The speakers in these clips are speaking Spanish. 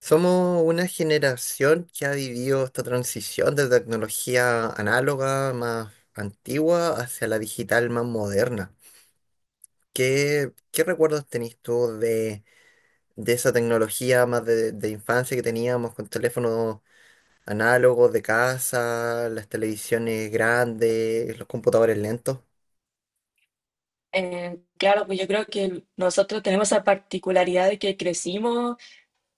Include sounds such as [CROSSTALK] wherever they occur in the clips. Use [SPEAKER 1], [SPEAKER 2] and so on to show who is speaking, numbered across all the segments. [SPEAKER 1] Somos una generación que ha vivido esta transición de tecnología análoga más antigua hacia la digital más moderna. ¿¿Qué recuerdos tenés tú de esa tecnología más de infancia que teníamos con teléfonos análogos de casa, las televisiones grandes, ¿los computadores lentos?
[SPEAKER 2] Claro, pues yo creo que nosotros tenemos esa particularidad de que crecimos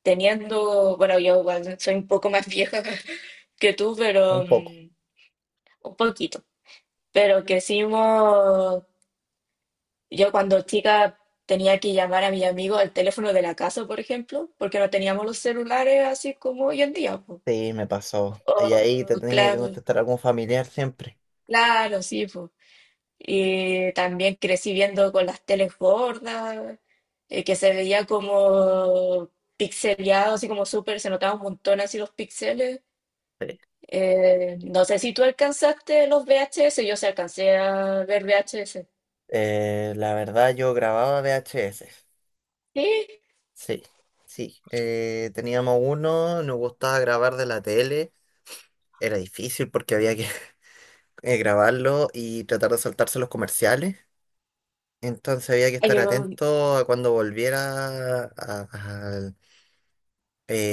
[SPEAKER 2] teniendo, bueno, yo igual soy un poco más vieja [LAUGHS] que tú,
[SPEAKER 1] Un
[SPEAKER 2] pero
[SPEAKER 1] poco.
[SPEAKER 2] un poquito, pero crecimos, yo cuando chica tenía que llamar a mi amigo al teléfono de la casa, por ejemplo, porque no teníamos los celulares así como hoy en día, pues.
[SPEAKER 1] Sí, me pasó. Y ahí te
[SPEAKER 2] O,
[SPEAKER 1] tenía que
[SPEAKER 2] claro,
[SPEAKER 1] contestar algún familiar siempre.
[SPEAKER 2] claro, sí, pues. Y también crecí viendo con las teles gordas, que se veía como pixeleado, así como súper, se notaba un montón así los píxeles.
[SPEAKER 1] Sí.
[SPEAKER 2] No sé si tú alcanzaste los VHS, yo sí alcancé a ver VHS.
[SPEAKER 1] La verdad, yo grababa V H S.
[SPEAKER 2] Sí,
[SPEAKER 1] Sí, sí. Teníamos uno, nos gustaba grabar de la tele. Era difícil porque había que [LAUGHS] grabarlo y tratar de saltarse los comerciales. Entonces había que
[SPEAKER 2] hay
[SPEAKER 1] estar
[SPEAKER 2] un
[SPEAKER 1] atento a cuando volviera al,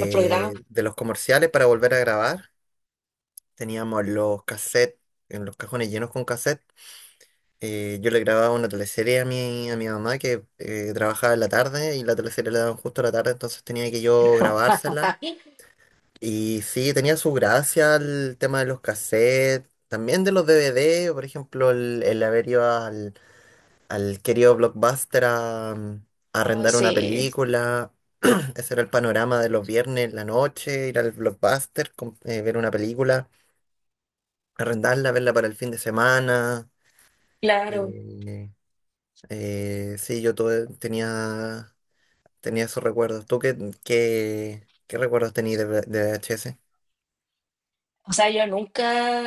[SPEAKER 2] programa.
[SPEAKER 1] de los comerciales para volver a grabar. Teníamos los cassettes, en los cajones llenos con cassette. Yo le grababa una teleserie a a mi mamá que trabajaba en la tarde y la teleserie la daban justo a la tarde, entonces tenía que yo grabársela.
[SPEAKER 2] Ay,
[SPEAKER 1] Y sí, tenía su gracia el tema de los cassettes, también de los DVD, por ejemplo, el haber ido al querido Blockbuster a, a arrendar una
[SPEAKER 2] sí,
[SPEAKER 1] película. [CLEARS THROAT] Ese era el panorama de los viernes, en la noche, ir al Blockbuster, ver una película, arrendarla, verla para el fin de semana.
[SPEAKER 2] claro.
[SPEAKER 1] Eh, sí, tenía esos recuerdos. ¿¿Tú qué recuerdos tenías de ¿VHS?
[SPEAKER 2] O sea, yo nunca,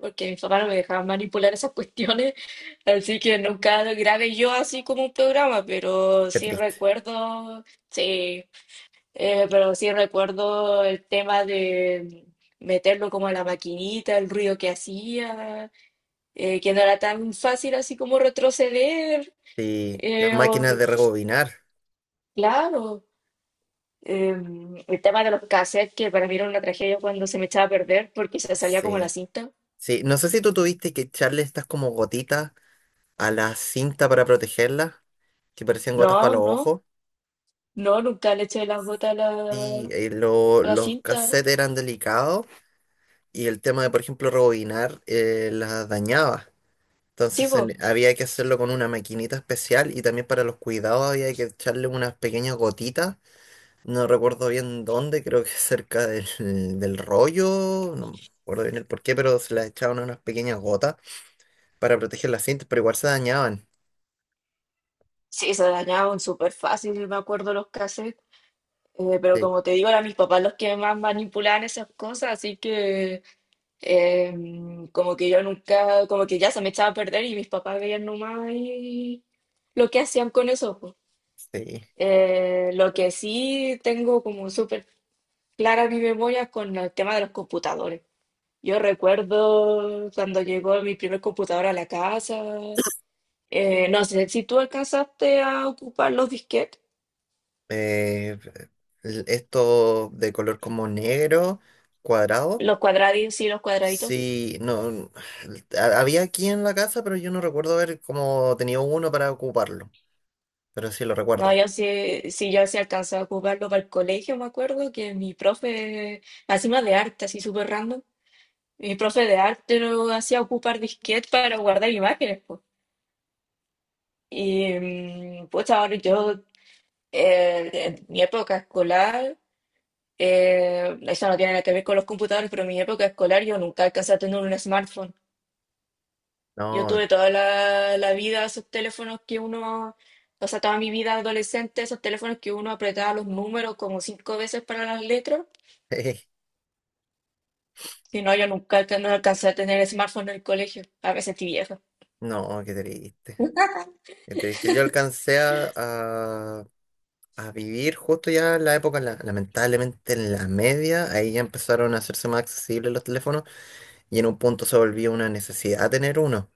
[SPEAKER 2] porque mis papás no me dejaban manipular esas cuestiones, [LAUGHS] así que nunca grabé yo así como un programa, pero
[SPEAKER 1] Qué
[SPEAKER 2] sí
[SPEAKER 1] triste.
[SPEAKER 2] recuerdo. Sí. Pero sí recuerdo el tema de meterlo como a la maquinita, el ruido que hacía, que no era tan fácil así como retroceder.
[SPEAKER 1] Sí, las
[SPEAKER 2] eh, o-
[SPEAKER 1] máquinas de rebobinar.
[SPEAKER 2] claro, eh, el tema de los cassettes, que para mí era una tragedia cuando se me echaba a perder porque se salía como la
[SPEAKER 1] Sí,
[SPEAKER 2] cinta.
[SPEAKER 1] sí. No sé si tú tuviste que echarle estas como gotitas a la cinta para protegerlas, que parecían gotas para
[SPEAKER 2] No,
[SPEAKER 1] los
[SPEAKER 2] no,
[SPEAKER 1] ojos.
[SPEAKER 2] no, nunca le eché las botas a la
[SPEAKER 1] Los
[SPEAKER 2] cinta.
[SPEAKER 1] cassettes eran delicados y el tema de, por ejemplo, rebobinar las dañaba.
[SPEAKER 2] Sí,
[SPEAKER 1] Entonces
[SPEAKER 2] po.
[SPEAKER 1] en- había que hacerlo con una maquinita especial y también para los cuidados había que echarle unas pequeñas gotitas. No recuerdo bien dónde, creo que cerca del rollo, no me acuerdo bien el porqué, pero se las echaban unas pequeñas gotas para proteger las cintas, pero igual se dañaban.
[SPEAKER 2] Sí, se dañaban súper fácil, me acuerdo los cassettes. Pero
[SPEAKER 1] Sí,
[SPEAKER 2] como te digo, eran mis papás los que más manipulaban esas cosas, así que eh, como que yo nunca, como que ya se me echaba a perder y mis papás veían nomás y lo que hacían con eso. Po.
[SPEAKER 1] sí.
[SPEAKER 2] Lo que sí tengo como súper clara mi memoria es con el tema de los computadores. Yo recuerdo cuando llegó mi primer computador a la casa, no sé si tú alcanzaste a ocupar los disquetes,
[SPEAKER 1] Eh, Esto de color como negro, cuadrado,
[SPEAKER 2] los cuadraditos, sí, los cuadraditos.
[SPEAKER 1] sí, no, había aquí en la casa, pero yo no recuerdo haber como tenido uno para ocuparlo, pero sí lo
[SPEAKER 2] No,
[SPEAKER 1] recuerdo.
[SPEAKER 2] yo sí, sí, yo sí alcanzaba a ocuparlo para el colegio, me acuerdo que mi profe, encima de arte, así súper random, mi profe de arte lo hacía ocupar disquete para guardar imágenes, pues. Y pues ahora yo, en mi época escolar, eso no tiene nada que ver con los computadores, pero en mi época escolar yo nunca alcancé a tener un smartphone. Yo
[SPEAKER 1] No,
[SPEAKER 2] tuve toda la vida esos teléfonos que uno, o sea, toda mi vida adolescente, esos teléfonos que uno apretaba los números como cinco veces para las letras.
[SPEAKER 1] [LAUGHS]
[SPEAKER 2] Si no, yo nunca alca- no alcancé a tener smartphone en el colegio. A veces sentí vieja,
[SPEAKER 1] no, qué triste, qué triste. Yo a vivir justo ya en la época, lamentablemente en la media, ahí ya empezaron a hacerse más accesibles los teléfonos y en un punto se volvió una necesidad tener uno.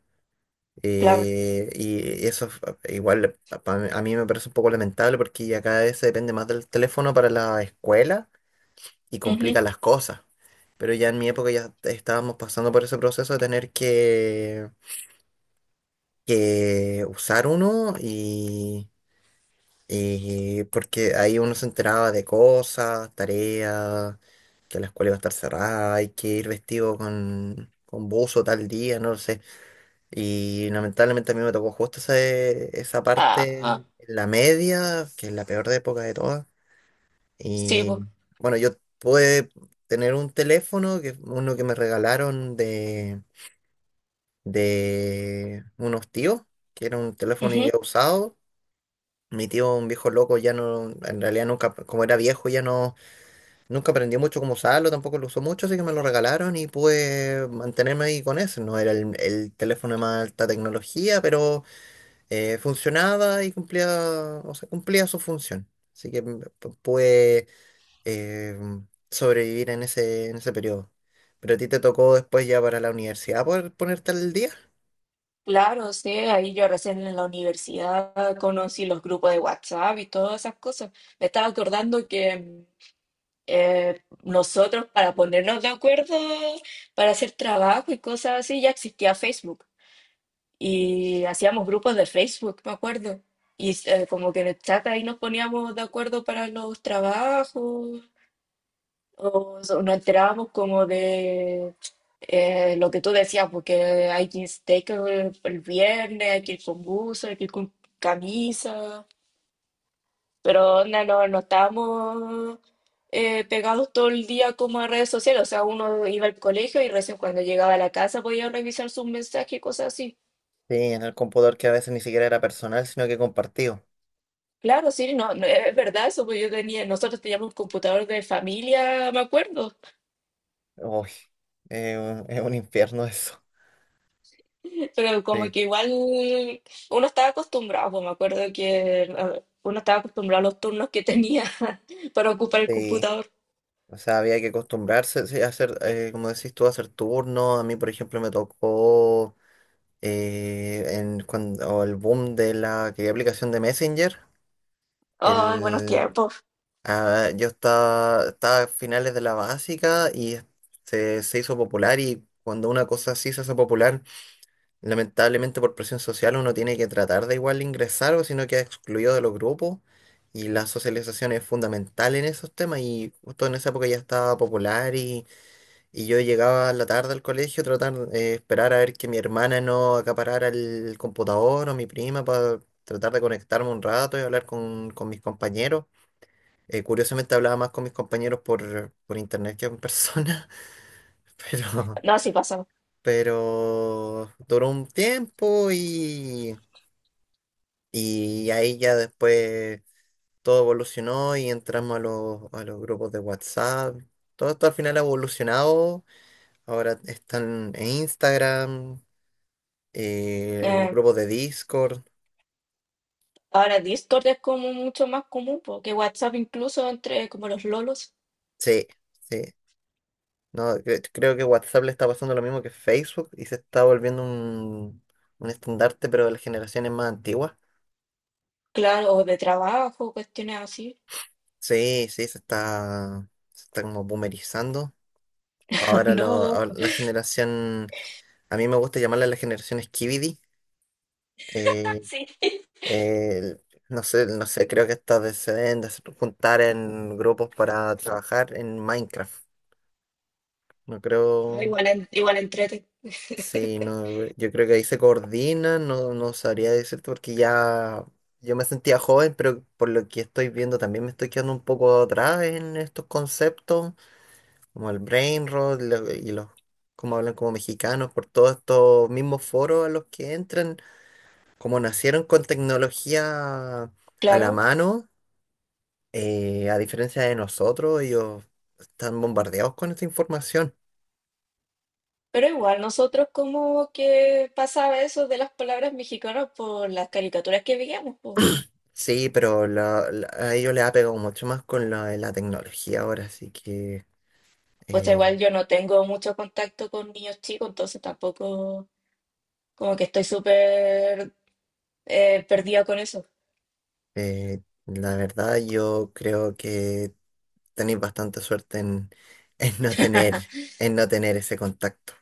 [SPEAKER 2] claro.
[SPEAKER 1] Y eso f- igual pa- pa- A mí me parece un poco lamentable porque ya cada vez se depende más del teléfono para la escuela y
[SPEAKER 2] Ujú.
[SPEAKER 1] complica las cosas. Pero ya en mi época ya estábamos pasando por ese proceso de que usar uno. Porque ahí uno se enteraba de cosas, tareas, que la escuela iba a estar cerrada, hay que ir vestido con buzo tal día, no lo sé. Y lamentablemente a mí me tocó justo esa
[SPEAKER 2] Ah,
[SPEAKER 1] parte,
[SPEAKER 2] ah,
[SPEAKER 1] en la media, que es la peor de época de todas.
[SPEAKER 2] sí,
[SPEAKER 1] Y
[SPEAKER 2] pues.
[SPEAKER 1] bueno, yo pude tener un teléfono, que, uno que me regalaron de unos tíos, que era un teléfono
[SPEAKER 2] Ujú.
[SPEAKER 1] ya usado. Mi tío, un viejo loco, ya no, en realidad nunca, como era viejo, ya no, nunca aprendió mucho cómo usarlo, tampoco lo usó mucho, así que me lo regalaron y pude mantenerme ahí con eso. No era el teléfono de más alta tecnología, pero funcionaba y cumplía, o sea, cumplía su función. Así que pude eh, sobrevivir en en ese periodo. Pero a ti te tocó después ya para la universidad poder ponerte al día.
[SPEAKER 2] Claro, sí, ahí yo recién en la universidad conocí los grupos de WhatsApp y todas esas cosas. Me estaba acordando que nosotros para ponernos de acuerdo, para hacer trabajo y cosas así, ya existía Facebook. Y hacíamos grupos de Facebook, me acuerdo. Y como que en el chat ahí nos poníamos de acuerdo para los trabajos, nos enterábamos como de lo que tú decías, porque hay que ir steak el viernes, hay que ir con buzo, hay que ir con camisa. Pero onda, no, no estábamos pegados todo el día como a redes sociales. O sea, uno iba al colegio y recién cuando llegaba a la casa podía revisar sus mensajes y cosas así.
[SPEAKER 1] Sí, en el computador que a veces ni siquiera era personal, sino que compartido.
[SPEAKER 2] Claro, sí, no, no, es verdad eso, pues yo tenía, nosotros teníamos un computador de familia, me acuerdo,
[SPEAKER 1] Uy, es es un infierno eso.
[SPEAKER 2] [LAUGHS] pero como
[SPEAKER 1] Sí,
[SPEAKER 2] que igual uno estaba acostumbrado, pues me acuerdo que uno estaba acostumbrado a los turnos que tenía [LAUGHS] para ocupar el
[SPEAKER 1] sí.
[SPEAKER 2] computador.
[SPEAKER 1] O sea, había que acostumbrarse sí, a hacer, como decís tú, a hacer turnos. A mí, por ejemplo, me tocó cuando el boom de la que aplicación de Messenger.
[SPEAKER 2] Ay, buenos
[SPEAKER 1] El,
[SPEAKER 2] tiempos.
[SPEAKER 1] ah, yo estaba a finales de la básica y se hizo popular, y cuando una cosa así se hace popular, lamentablemente por presión social uno tiene que tratar de igual ingresar o si no queda excluido de los grupos, y la socialización es fundamental en esos temas, y justo en esa época ya estaba popular y yo llegaba a la tarde al colegio tratar de esperar a ver que mi hermana no acaparara el computador o mi prima para tratar de conectarme un rato y hablar con mis compañeros. Curiosamente hablaba más con mis compañeros por internet que en persona, [LAUGHS] pero,
[SPEAKER 2] No, así pasó.
[SPEAKER 1] pero duró un tiempo y... Y ahí ya después todo evolucionó y entramos a a los grupos de WhatsApp. Todo esto al final ha evolucionado. Ahora están en Instagram, los
[SPEAKER 2] Eh,
[SPEAKER 1] grupos de Discord.
[SPEAKER 2] Ahora Discord es como mucho más común, porque WhatsApp incluso entre como los lolos,
[SPEAKER 1] Sí, sí. No, creo que WhatsApp le está pasando lo mismo que Facebook y se está volviendo un estandarte, pero de las generaciones más antiguas.
[SPEAKER 2] claro, o de trabajo, cuestiones así.
[SPEAKER 1] Sí, sí, se está como boomerizando.
[SPEAKER 2] [LAUGHS] No,
[SPEAKER 1] Ahora la generación, a mí me gusta llamarla la generación Skibidi. Eh,
[SPEAKER 2] sí.
[SPEAKER 1] eh, no sé, no sé, creo que estas se deben de juntar en grupos para trabajar en Minecraft. No
[SPEAKER 2] Ah,
[SPEAKER 1] creo,
[SPEAKER 2] igual, igual entrete,
[SPEAKER 1] sí, no, yo creo que ahí se coordinan, no, no sabría decirte porque ya yo me sentía joven, pero por lo que estoy viendo también me estoy quedando un poco atrás en estos conceptos, como el brain rot como hablan como mexicanos, por todos estos mismos foros a los que entran, como nacieron con tecnología a la
[SPEAKER 2] claro.
[SPEAKER 1] mano. A diferencia de nosotros, ellos están bombardeados con esta información.
[SPEAKER 2] Pero igual, nosotros como que pasaba eso de las palabras mexicanas por las caricaturas que veíamos, po.
[SPEAKER 1] Sí, pero a ellos les ha pegado mucho más con la tecnología ahora, así que
[SPEAKER 2] O sea,
[SPEAKER 1] eh,
[SPEAKER 2] igual yo no tengo mucho contacto con niños chicos, entonces tampoco como que estoy súper perdida con eso.
[SPEAKER 1] la verdad yo creo que tenéis bastante suerte en, [LAUGHS] en no tener ese contacto.